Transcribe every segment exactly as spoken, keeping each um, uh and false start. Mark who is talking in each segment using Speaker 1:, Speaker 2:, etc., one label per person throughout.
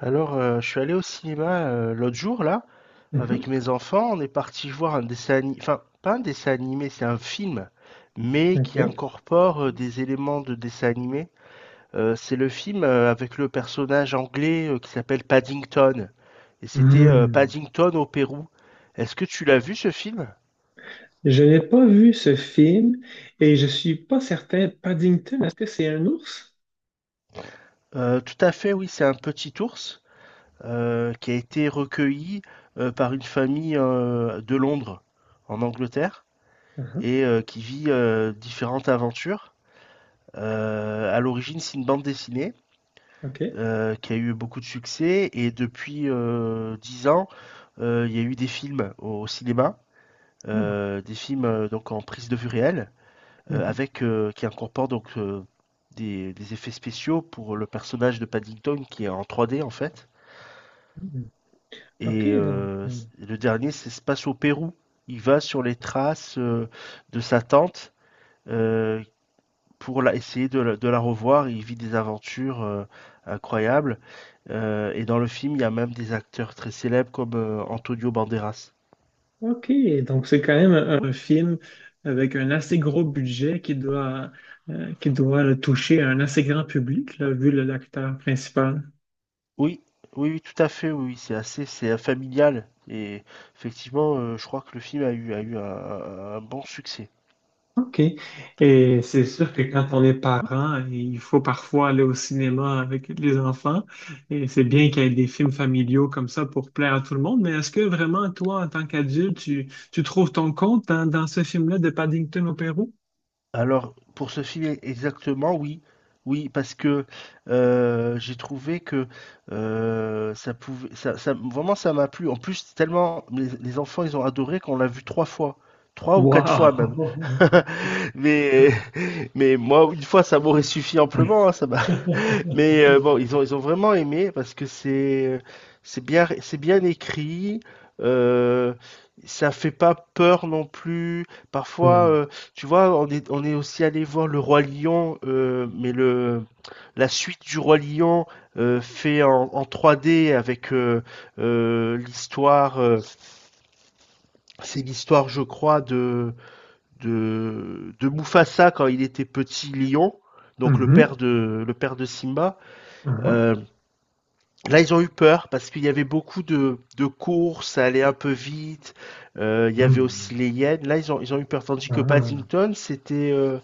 Speaker 1: Alors, euh, je suis allé au cinéma euh, l'autre jour, là, avec
Speaker 2: Mhm,
Speaker 1: mes enfants. On est parti voir un dessin animé, enfin, pas un dessin animé, c'est un film, mais qui
Speaker 2: ok.
Speaker 1: incorpore euh, des éléments de dessin animé. Euh, c'est le film euh, avec le personnage anglais euh, qui s'appelle Paddington. Et c'était euh,
Speaker 2: Hmm.
Speaker 1: Paddington au Pérou. Est-ce que tu l'as vu, ce film?
Speaker 2: Je n'ai pas vu ce film et je suis pas certain. Paddington, est-ce que c'est un ours?
Speaker 1: Euh, tout à fait, oui, c'est un petit ours euh, qui a été recueilli euh, par une famille euh, de Londres, en Angleterre.
Speaker 2: Mhm,
Speaker 1: Et euh, qui vit euh, différentes aventures. Euh, à l'origine, c'est une bande dessinée
Speaker 2: ok.
Speaker 1: euh, qui a eu beaucoup de succès, et depuis euh, dix ans, euh, il y a eu des films au cinéma,
Speaker 2: Hmm,
Speaker 1: euh, des films euh, donc en prise de vue réelle, euh,
Speaker 2: mhm,
Speaker 1: avec, euh, qui incorporent donc euh, des, des effets spéciaux pour le personnage de Paddington, qui est en trois D en fait.
Speaker 2: mhm. Ok,
Speaker 1: Et
Speaker 2: donc,
Speaker 1: euh,
Speaker 2: euh,
Speaker 1: c- le dernier, c'est, se passe au Pérou. Il va sur les traces euh, de sa tante euh, pour la, essayer de, la- de la revoir. Il vit des aventures euh, incroyables. Euh, et dans le film, il y a même des acteurs très célèbres, comme euh, Antonio Banderas.
Speaker 2: ok, donc c'est quand même un, un film avec un assez gros budget qui doit, euh, qui doit là, toucher un assez grand public, là, vu le- l'acteur principal.
Speaker 1: Oui, oui, oui, tout à fait, oui, oui, c'est assez, c'est euh, familial. Et effectivement, euh, je crois que le film a eu, a eu un, un- un bon succès.
Speaker 2: OK. Et c'est sûr que quand on est parent, il faut parfois aller au cinéma avec les enfants. Et c'est bien qu'il y ait des films familiaux comme ça pour plaire à tout le monde. Mais est-ce que vraiment, toi, en tant qu'adulte, tu, tu trouves ton compte dans, dans ce film-là de Paddington au Pérou?
Speaker 1: Alors, pour ce film e exactement, oui. Oui, parce que, heu, j'ai trouvé que, heu, ça pouvait ça ça vraiment ça m'a plu. En plus, tellement les les enfants, ils ont adoré qu'on l'a vu trois fois, trois ou quatre fois même.
Speaker 2: Wow!
Speaker 1: Mais mais moi, une fois, ça m'aurait suffi amplement, hein, ça m'a mais euh, bon, ils ont, ils ont vraiment aimé, parce que c'est c'est bien, c'est bien écrit. Euh, Ça fait pas peur non plus. Parfois,
Speaker 2: Mm.
Speaker 1: euh, tu vois, on est, on est aussi allé voir le Roi Lion, euh, mais le la suite du Roi Lion, euh, fait en, en trois D, avec euh, euh, l'histoire. Euh, c'est l'histoire, je crois, de de de Mufasa quand il était petit lion. Donc le
Speaker 2: Mhm.
Speaker 1: père de le père de Simba.
Speaker 2: Ah.
Speaker 1: Euh, Là, ils ont eu peur parce qu'il y avait beaucoup de, de courses, ça allait un peu vite. Euh, il y avait
Speaker 2: Mm.
Speaker 1: aussi les Yens. Là, ils ont, ils ont eu peur. Tandis que
Speaker 2: Ah.
Speaker 1: Paddington, c'était euh,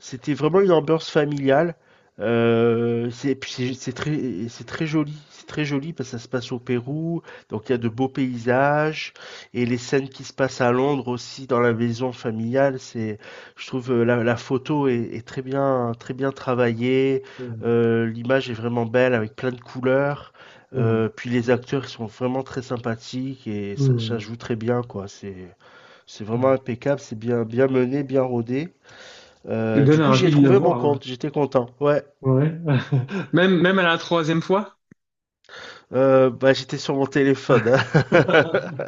Speaker 1: c'était vraiment une ambiance familiale. Euh, c'est puis c'est c'est très c'est très joli, c'est très joli parce que ça se passe au Pérou, donc il y a de beaux paysages, et les scènes qui se passent à Londres aussi, dans la maison familiale, c'est je trouve, euh, la, la photo est, est très bien, très bien travaillée,
Speaker 2: Mm.
Speaker 1: euh, l'image est vraiment belle avec plein de couleurs,
Speaker 2: Mm.
Speaker 1: euh, puis les acteurs, ils sont vraiment très sympathiques, et ça, ça
Speaker 2: Mm.
Speaker 1: joue très bien quoi, c'est c'est vraiment
Speaker 2: Ah.
Speaker 1: impeccable, c'est bien bien mené, bien rodé.
Speaker 2: Tu
Speaker 1: Euh, du
Speaker 2: donnes
Speaker 1: coup, j'y ai
Speaker 2: envie de le
Speaker 1: trouvé mon
Speaker 2: voir, hein.
Speaker 1: compte, j'étais content. Ouais.
Speaker 2: Ouais. Même, même à la troisième fois?
Speaker 1: Euh, bah, j'étais sur mon téléphone, hein.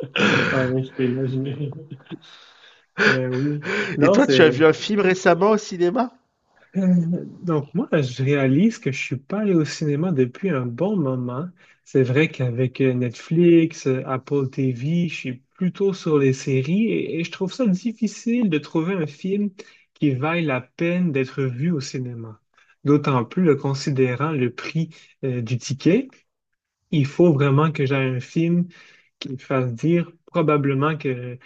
Speaker 2: Ah oui, je peux imaginer. Ben oui.
Speaker 1: Et
Speaker 2: Non,
Speaker 1: toi, tu as
Speaker 2: c'est...
Speaker 1: vu un film récemment au cinéma?
Speaker 2: Euh, Donc moi, je réalise que je suis pas allé au cinéma depuis un bon moment. C'est vrai qu'avec euh, Netflix, euh, Apple T V, je suis plutôt sur les séries et, et je trouve ça difficile de trouver un film qui vaille la peine d'être vu au cinéma. D'autant plus le considérant le prix euh, du ticket, il faut vraiment que j'aie un film qui me fasse dire probablement que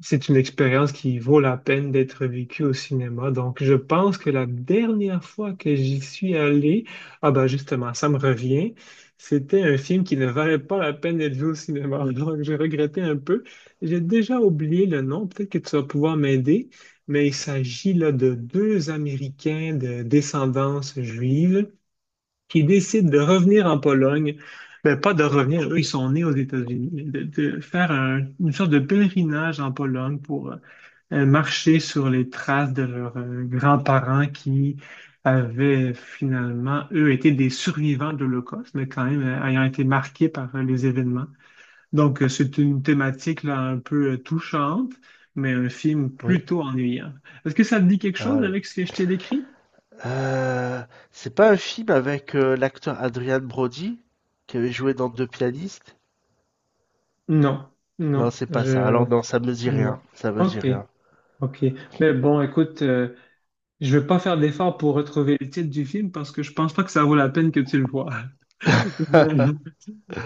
Speaker 2: c'est une expérience qui vaut la peine d'être vécue au cinéma. Donc, je pense que la dernière fois que j'y suis allé, ah ben justement, ça me revient, c'était un film qui ne valait pas la peine d'être vu au cinéma. Donc, j'ai regretté un peu. J'ai déjà oublié le nom, peut-être que tu vas pouvoir m'aider, mais il s'agit là de deux Américains de descendance juive qui décident de revenir en Pologne, ben pas de revenir, eux, ils sont nés aux États-Unis, mais de, de faire un- une sorte de pèlerinage en Pologne pour euh, marcher sur les traces de leurs euh, grands-parents qui avaient finalement, eux, été des survivants de l'Holocauste, mais quand même euh, ayant été marqués par euh, les événements. Donc, euh, c'est une thématique là, un peu euh, touchante, mais un film
Speaker 1: Oui.
Speaker 2: plutôt ennuyant. Est-ce que ça te dit quelque
Speaker 1: Ah,
Speaker 2: chose
Speaker 1: le-
Speaker 2: avec ce que je t'ai décrit?
Speaker 1: Euh, c'est pas un film avec euh, l'acteur Adrian Brody qui avait joué dans Deux pianistes?
Speaker 2: Non,
Speaker 1: Non,
Speaker 2: non,
Speaker 1: c'est pas ça.
Speaker 2: je.
Speaker 1: Alors non, ça me dit rien.
Speaker 2: Non.
Speaker 1: Ça me dit
Speaker 2: Ok,
Speaker 1: rien.
Speaker 2: ok. Mais bon, écoute, euh, je vais pas faire d'effort pour retrouver le titre du film parce que je pense pas que ça vaut la peine que tu le vois. Mais,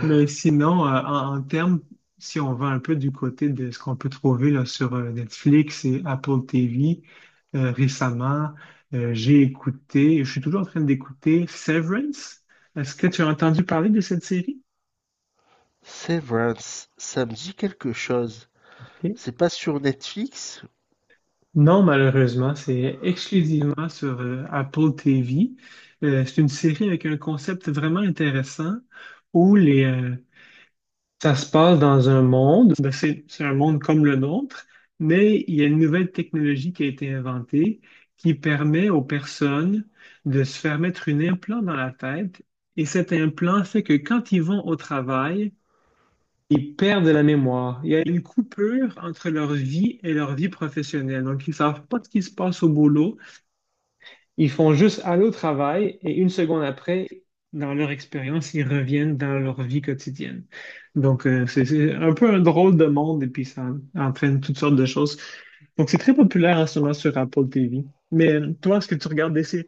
Speaker 2: mais sinon, euh, en, en termes, si on va un peu du côté de ce qu'on peut trouver là, sur euh, Netflix et Apple T V, euh, récemment, euh, j'ai écouté, je suis toujours en train d'écouter Severance. Est-ce que tu as entendu parler de cette série?
Speaker 1: Severance, ça me dit quelque chose. C'est pas sur Netflix?
Speaker 2: Non, malheureusement, c'est exclusivement sur euh, Apple T V. Euh, c'est une série avec un concept vraiment intéressant où les, euh, ça se passe dans un monde, ben, c'est, c'est un monde comme le nôtre, mais il y a une nouvelle technologie qui a été inventée qui permet aux personnes de se faire mettre un implant dans la tête. Et cet implant fait que quand ils vont au travail, ils perdent la mémoire. Il y a une coupure entre leur vie et leur vie professionnelle. Donc, ils savent pas ce qui se passe au boulot. Ils font juste aller au travail et une seconde après, dans leur expérience, ils reviennent dans leur vie quotidienne. Donc, euh, c'est c'est un peu un drôle de monde et puis ça entraîne toutes sortes de choses. Donc, c'est très populaire en ce moment sur Apple T V. Mais euh, toi, est-ce que tu regardes des séries?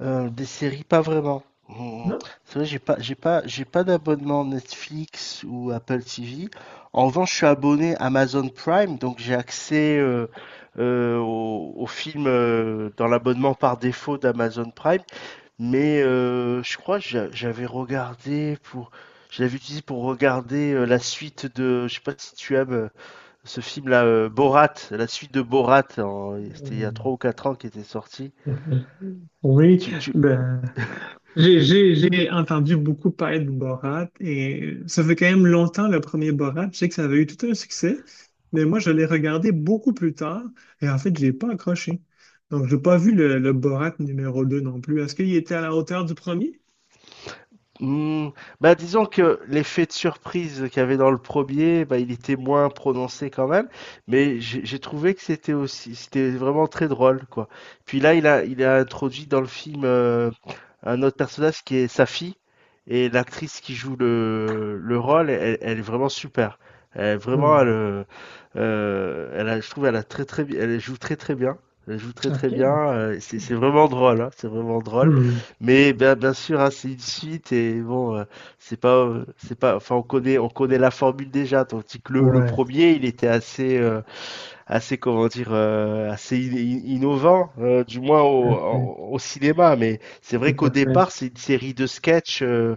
Speaker 1: Heu, des séries, pas vraiment. Mmh.
Speaker 2: Non.
Speaker 1: C'est vrai, j'ai pas j'ai pas j'ai pas d'abonnement Netflix ou Apple T V. En revanche, je suis abonné Amazon Prime, donc j'ai accès, heu heu, aux aux films, heu, dans l'abonnement par défaut d'Amazon Prime. Mais, heu, je crois que j'a j'avais regardé pour, je l'avais utilisé pour regarder, heu, la suite de, je sais pas si tu aimes, heu, ce film-là, heu, Borat, la suite de Borat en c'était il y a trois ou quatre ans qui était sorti.
Speaker 2: Oui,
Speaker 1: Tu tu
Speaker 2: ben, J'ai j'ai- j'ai entendu beaucoup parler de Borat et ça fait quand même longtemps le premier Borat. Je sais que ça avait eu tout un succès, mais moi je l'ai regardé beaucoup plus tard et en fait j'ai pas accroché. Donc j'ai pas vu le, le Borat numéro deux non plus. Est-ce qu'il était à la hauteur du premier?
Speaker 1: Mmh, bah, disons que l'effet de surprise qu'il y avait dans le premier, bah, il était moins prononcé quand même, mais j'ai j'ai trouvé que c'était aussi, c'était vraiment très drôle, quoi. Puis là, il a, il a introduit dans le film euh, un autre personnage qui est sa fille, et l'actrice qui joue le, le rôle, elle, elle est vraiment super. Elle, vraiment, elle,
Speaker 2: Hmm,
Speaker 1: euh, euh, elle a- je trouve, elle a très très, bi- elle joue très très bien. Elle joue très
Speaker 2: OK.
Speaker 1: très bien. euh, C'est c'est vraiment drôle, hein, c'est vraiment drôle.
Speaker 2: Hmm,
Speaker 1: Mais bien, bien sûr, hein, c'est une suite, et bon, euh, c'est pas, euh, c'est pas, enfin, on connaît, on connaît la formule déjà. Tandis que le, le
Speaker 2: ouais,
Speaker 1: premier, il était assez, euh, assez, comment dire, euh, assez in- in- innovant, euh, du moins
Speaker 2: tout à
Speaker 1: au,
Speaker 2: fait.
Speaker 1: en- au cinéma. Mais c'est vrai
Speaker 2: Tout
Speaker 1: qu'au
Speaker 2: à fait.
Speaker 1: départ, c'est une série de sketchs. euh,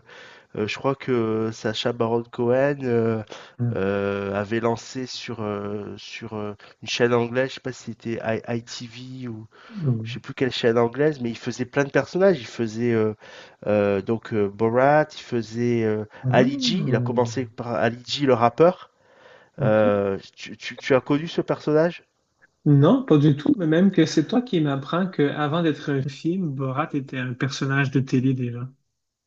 Speaker 1: euh, Je crois que Sacha Baron Cohen euh,
Speaker 2: Hmm,
Speaker 1: euh, avait lancé sur, euh, sur euh, une chaîne anglaise, je sais pas si c'était I- ITV, je sais
Speaker 2: hmm.
Speaker 1: plus quelle chaîne anglaise, mais il faisait plein de personnages. Il faisait euh, euh, donc euh, Borat, il faisait euh, Ali G. Il
Speaker 2: Ah,
Speaker 1: a commencé par Ali G, le rappeur.
Speaker 2: OK.
Speaker 1: Euh, tu, tu- tu as connu ce personnage?
Speaker 2: Non, pas du tout, mais même que c'est toi qui m'apprends qu'avant d'être un film, Borat était un personnage de télé déjà.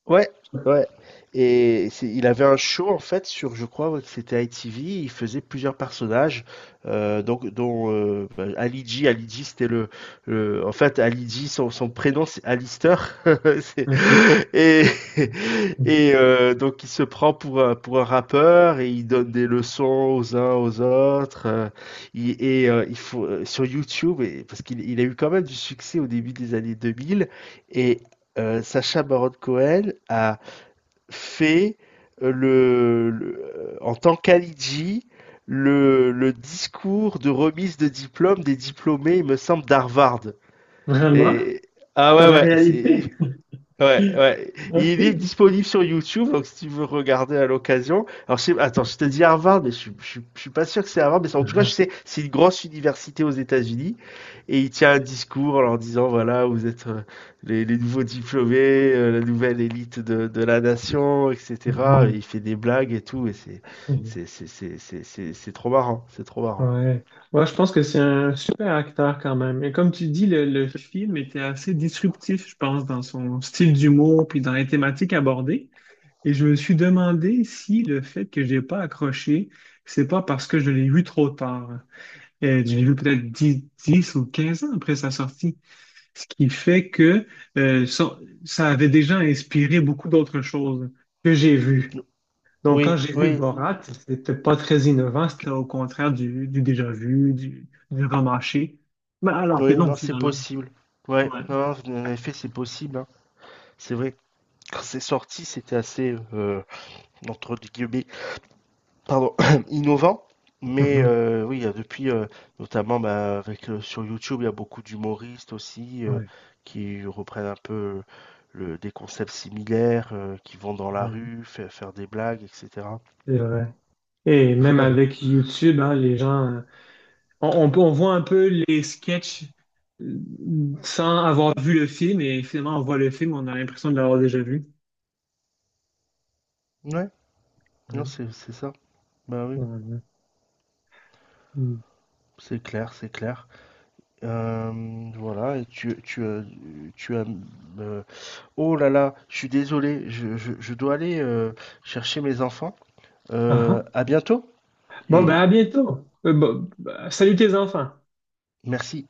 Speaker 1: Ouais, ouais. Et c'est il avait un show en fait sur, je crois, ouais, que c'était I T V, il faisait plusieurs personnages, euh, donc dont euh, bah, Ali G, Ali G c'était le, le- en fait, Ali G, son, son prénom c'est Alistair. C'est-
Speaker 2: OK.
Speaker 1: et, et euh, donc il se prend pour, un- pour un rappeur, et il donne des leçons aux uns aux autres, euh, il- et euh, il faut, euh, sur YouTube, et, parce qu'il il a eu quand même du succès au début des années deux mille, et, euh, Sacha Baron Cohen a fait euh, le, le- euh, en tant qu'Alidji le, le discours de remise de diplôme des diplômés, il me semble, d'Harvard.
Speaker 2: Vraiment?
Speaker 1: Et ah,
Speaker 2: Dans
Speaker 1: ouais,
Speaker 2: la
Speaker 1: ouais, c'est...
Speaker 2: réalité?
Speaker 1: Ouais, ouais. Il est
Speaker 2: OK.
Speaker 1: disponible sur YouTube, donc si tu veux regarder à l'occasion. Alors, je sais, attends, je te dis Harvard, mais je, suis- je, suis- je suis pas sûr que c'est Harvard, mais c'est- en tout cas, je
Speaker 2: Ah.
Speaker 1: sais, c'est une grosse université aux États-Unis, et il tient un discours en leur disant, voilà, vous êtes euh, les, les nouveaux diplômés, euh, la nouvelle élite de, de la nation, et cetera. Et il
Speaker 2: Mhm.
Speaker 1: fait des blagues et tout, et c'est,
Speaker 2: Mhm.
Speaker 1: c'est, c'est, c'est, c'est, c'est c'est trop marrant, c'est trop marrant.
Speaker 2: Ouais. Ouais, je pense que c'est un super acteur quand même. Et comme tu dis, le, le film était assez disruptif, je pense, dans son style d'humour puis dans les thématiques abordées. Et je me suis demandé si le fait que j'ai pas accroché, c'est pas parce que je l'ai vu trop tard. Et je l'ai vu peut-être dix, dix ou quinze ans après sa sortie. Ce qui fait que euh, ça, ça avait déjà inspiré beaucoup d'autres choses que j'ai vues. Donc, quand
Speaker 1: Oui,
Speaker 2: j'ai vu
Speaker 1: oui,
Speaker 2: Borat, c'était pas très innovant, c'était au contraire du, du déjà vu, du, du remâché. Mais alors que
Speaker 1: oui,
Speaker 2: non,
Speaker 1: non, c'est
Speaker 2: finalement.
Speaker 1: possible. Ouais,
Speaker 2: Ouais.
Speaker 1: non, en effet, c'est possible, hein. C'est vrai. Quand c'est sorti, c'était assez, euh, entre guillemets, pardon, innovant. Mais
Speaker 2: Mhm.
Speaker 1: euh, oui, depuis, euh, notamment bah, avec, euh, sur YouTube, il y a beaucoup d'humoristes aussi euh,
Speaker 2: Ouais,
Speaker 1: qui reprennent un peu le, des concepts similaires, euh, qui vont dans la
Speaker 2: ouais,
Speaker 1: rue, fa- faire des blagues, et cetera.
Speaker 2: c'est vrai. Et même avec YouTube, hein, les gens, euh, on, on peut- on voit un peu les sketchs euh, sans avoir vu le film, et finalement, on voit le film, on a l'impression de l'avoir déjà vu.
Speaker 1: Ouais, non,
Speaker 2: Ouais.
Speaker 1: c'est c'est ça. Bah oui,
Speaker 2: Ouais, ouais. Mm.
Speaker 1: c'est clair, c'est clair. Euh, voilà, et tu, tu, as- tu as... euh, oh là là, je suis désolé, je, je- je dois aller euh, chercher mes enfants.
Speaker 2: Ah,
Speaker 1: Euh,
Speaker 2: ah.
Speaker 1: à bientôt
Speaker 2: Bon, ben
Speaker 1: et
Speaker 2: à bientôt. Euh, bon, bah, salut tes enfants.
Speaker 1: merci.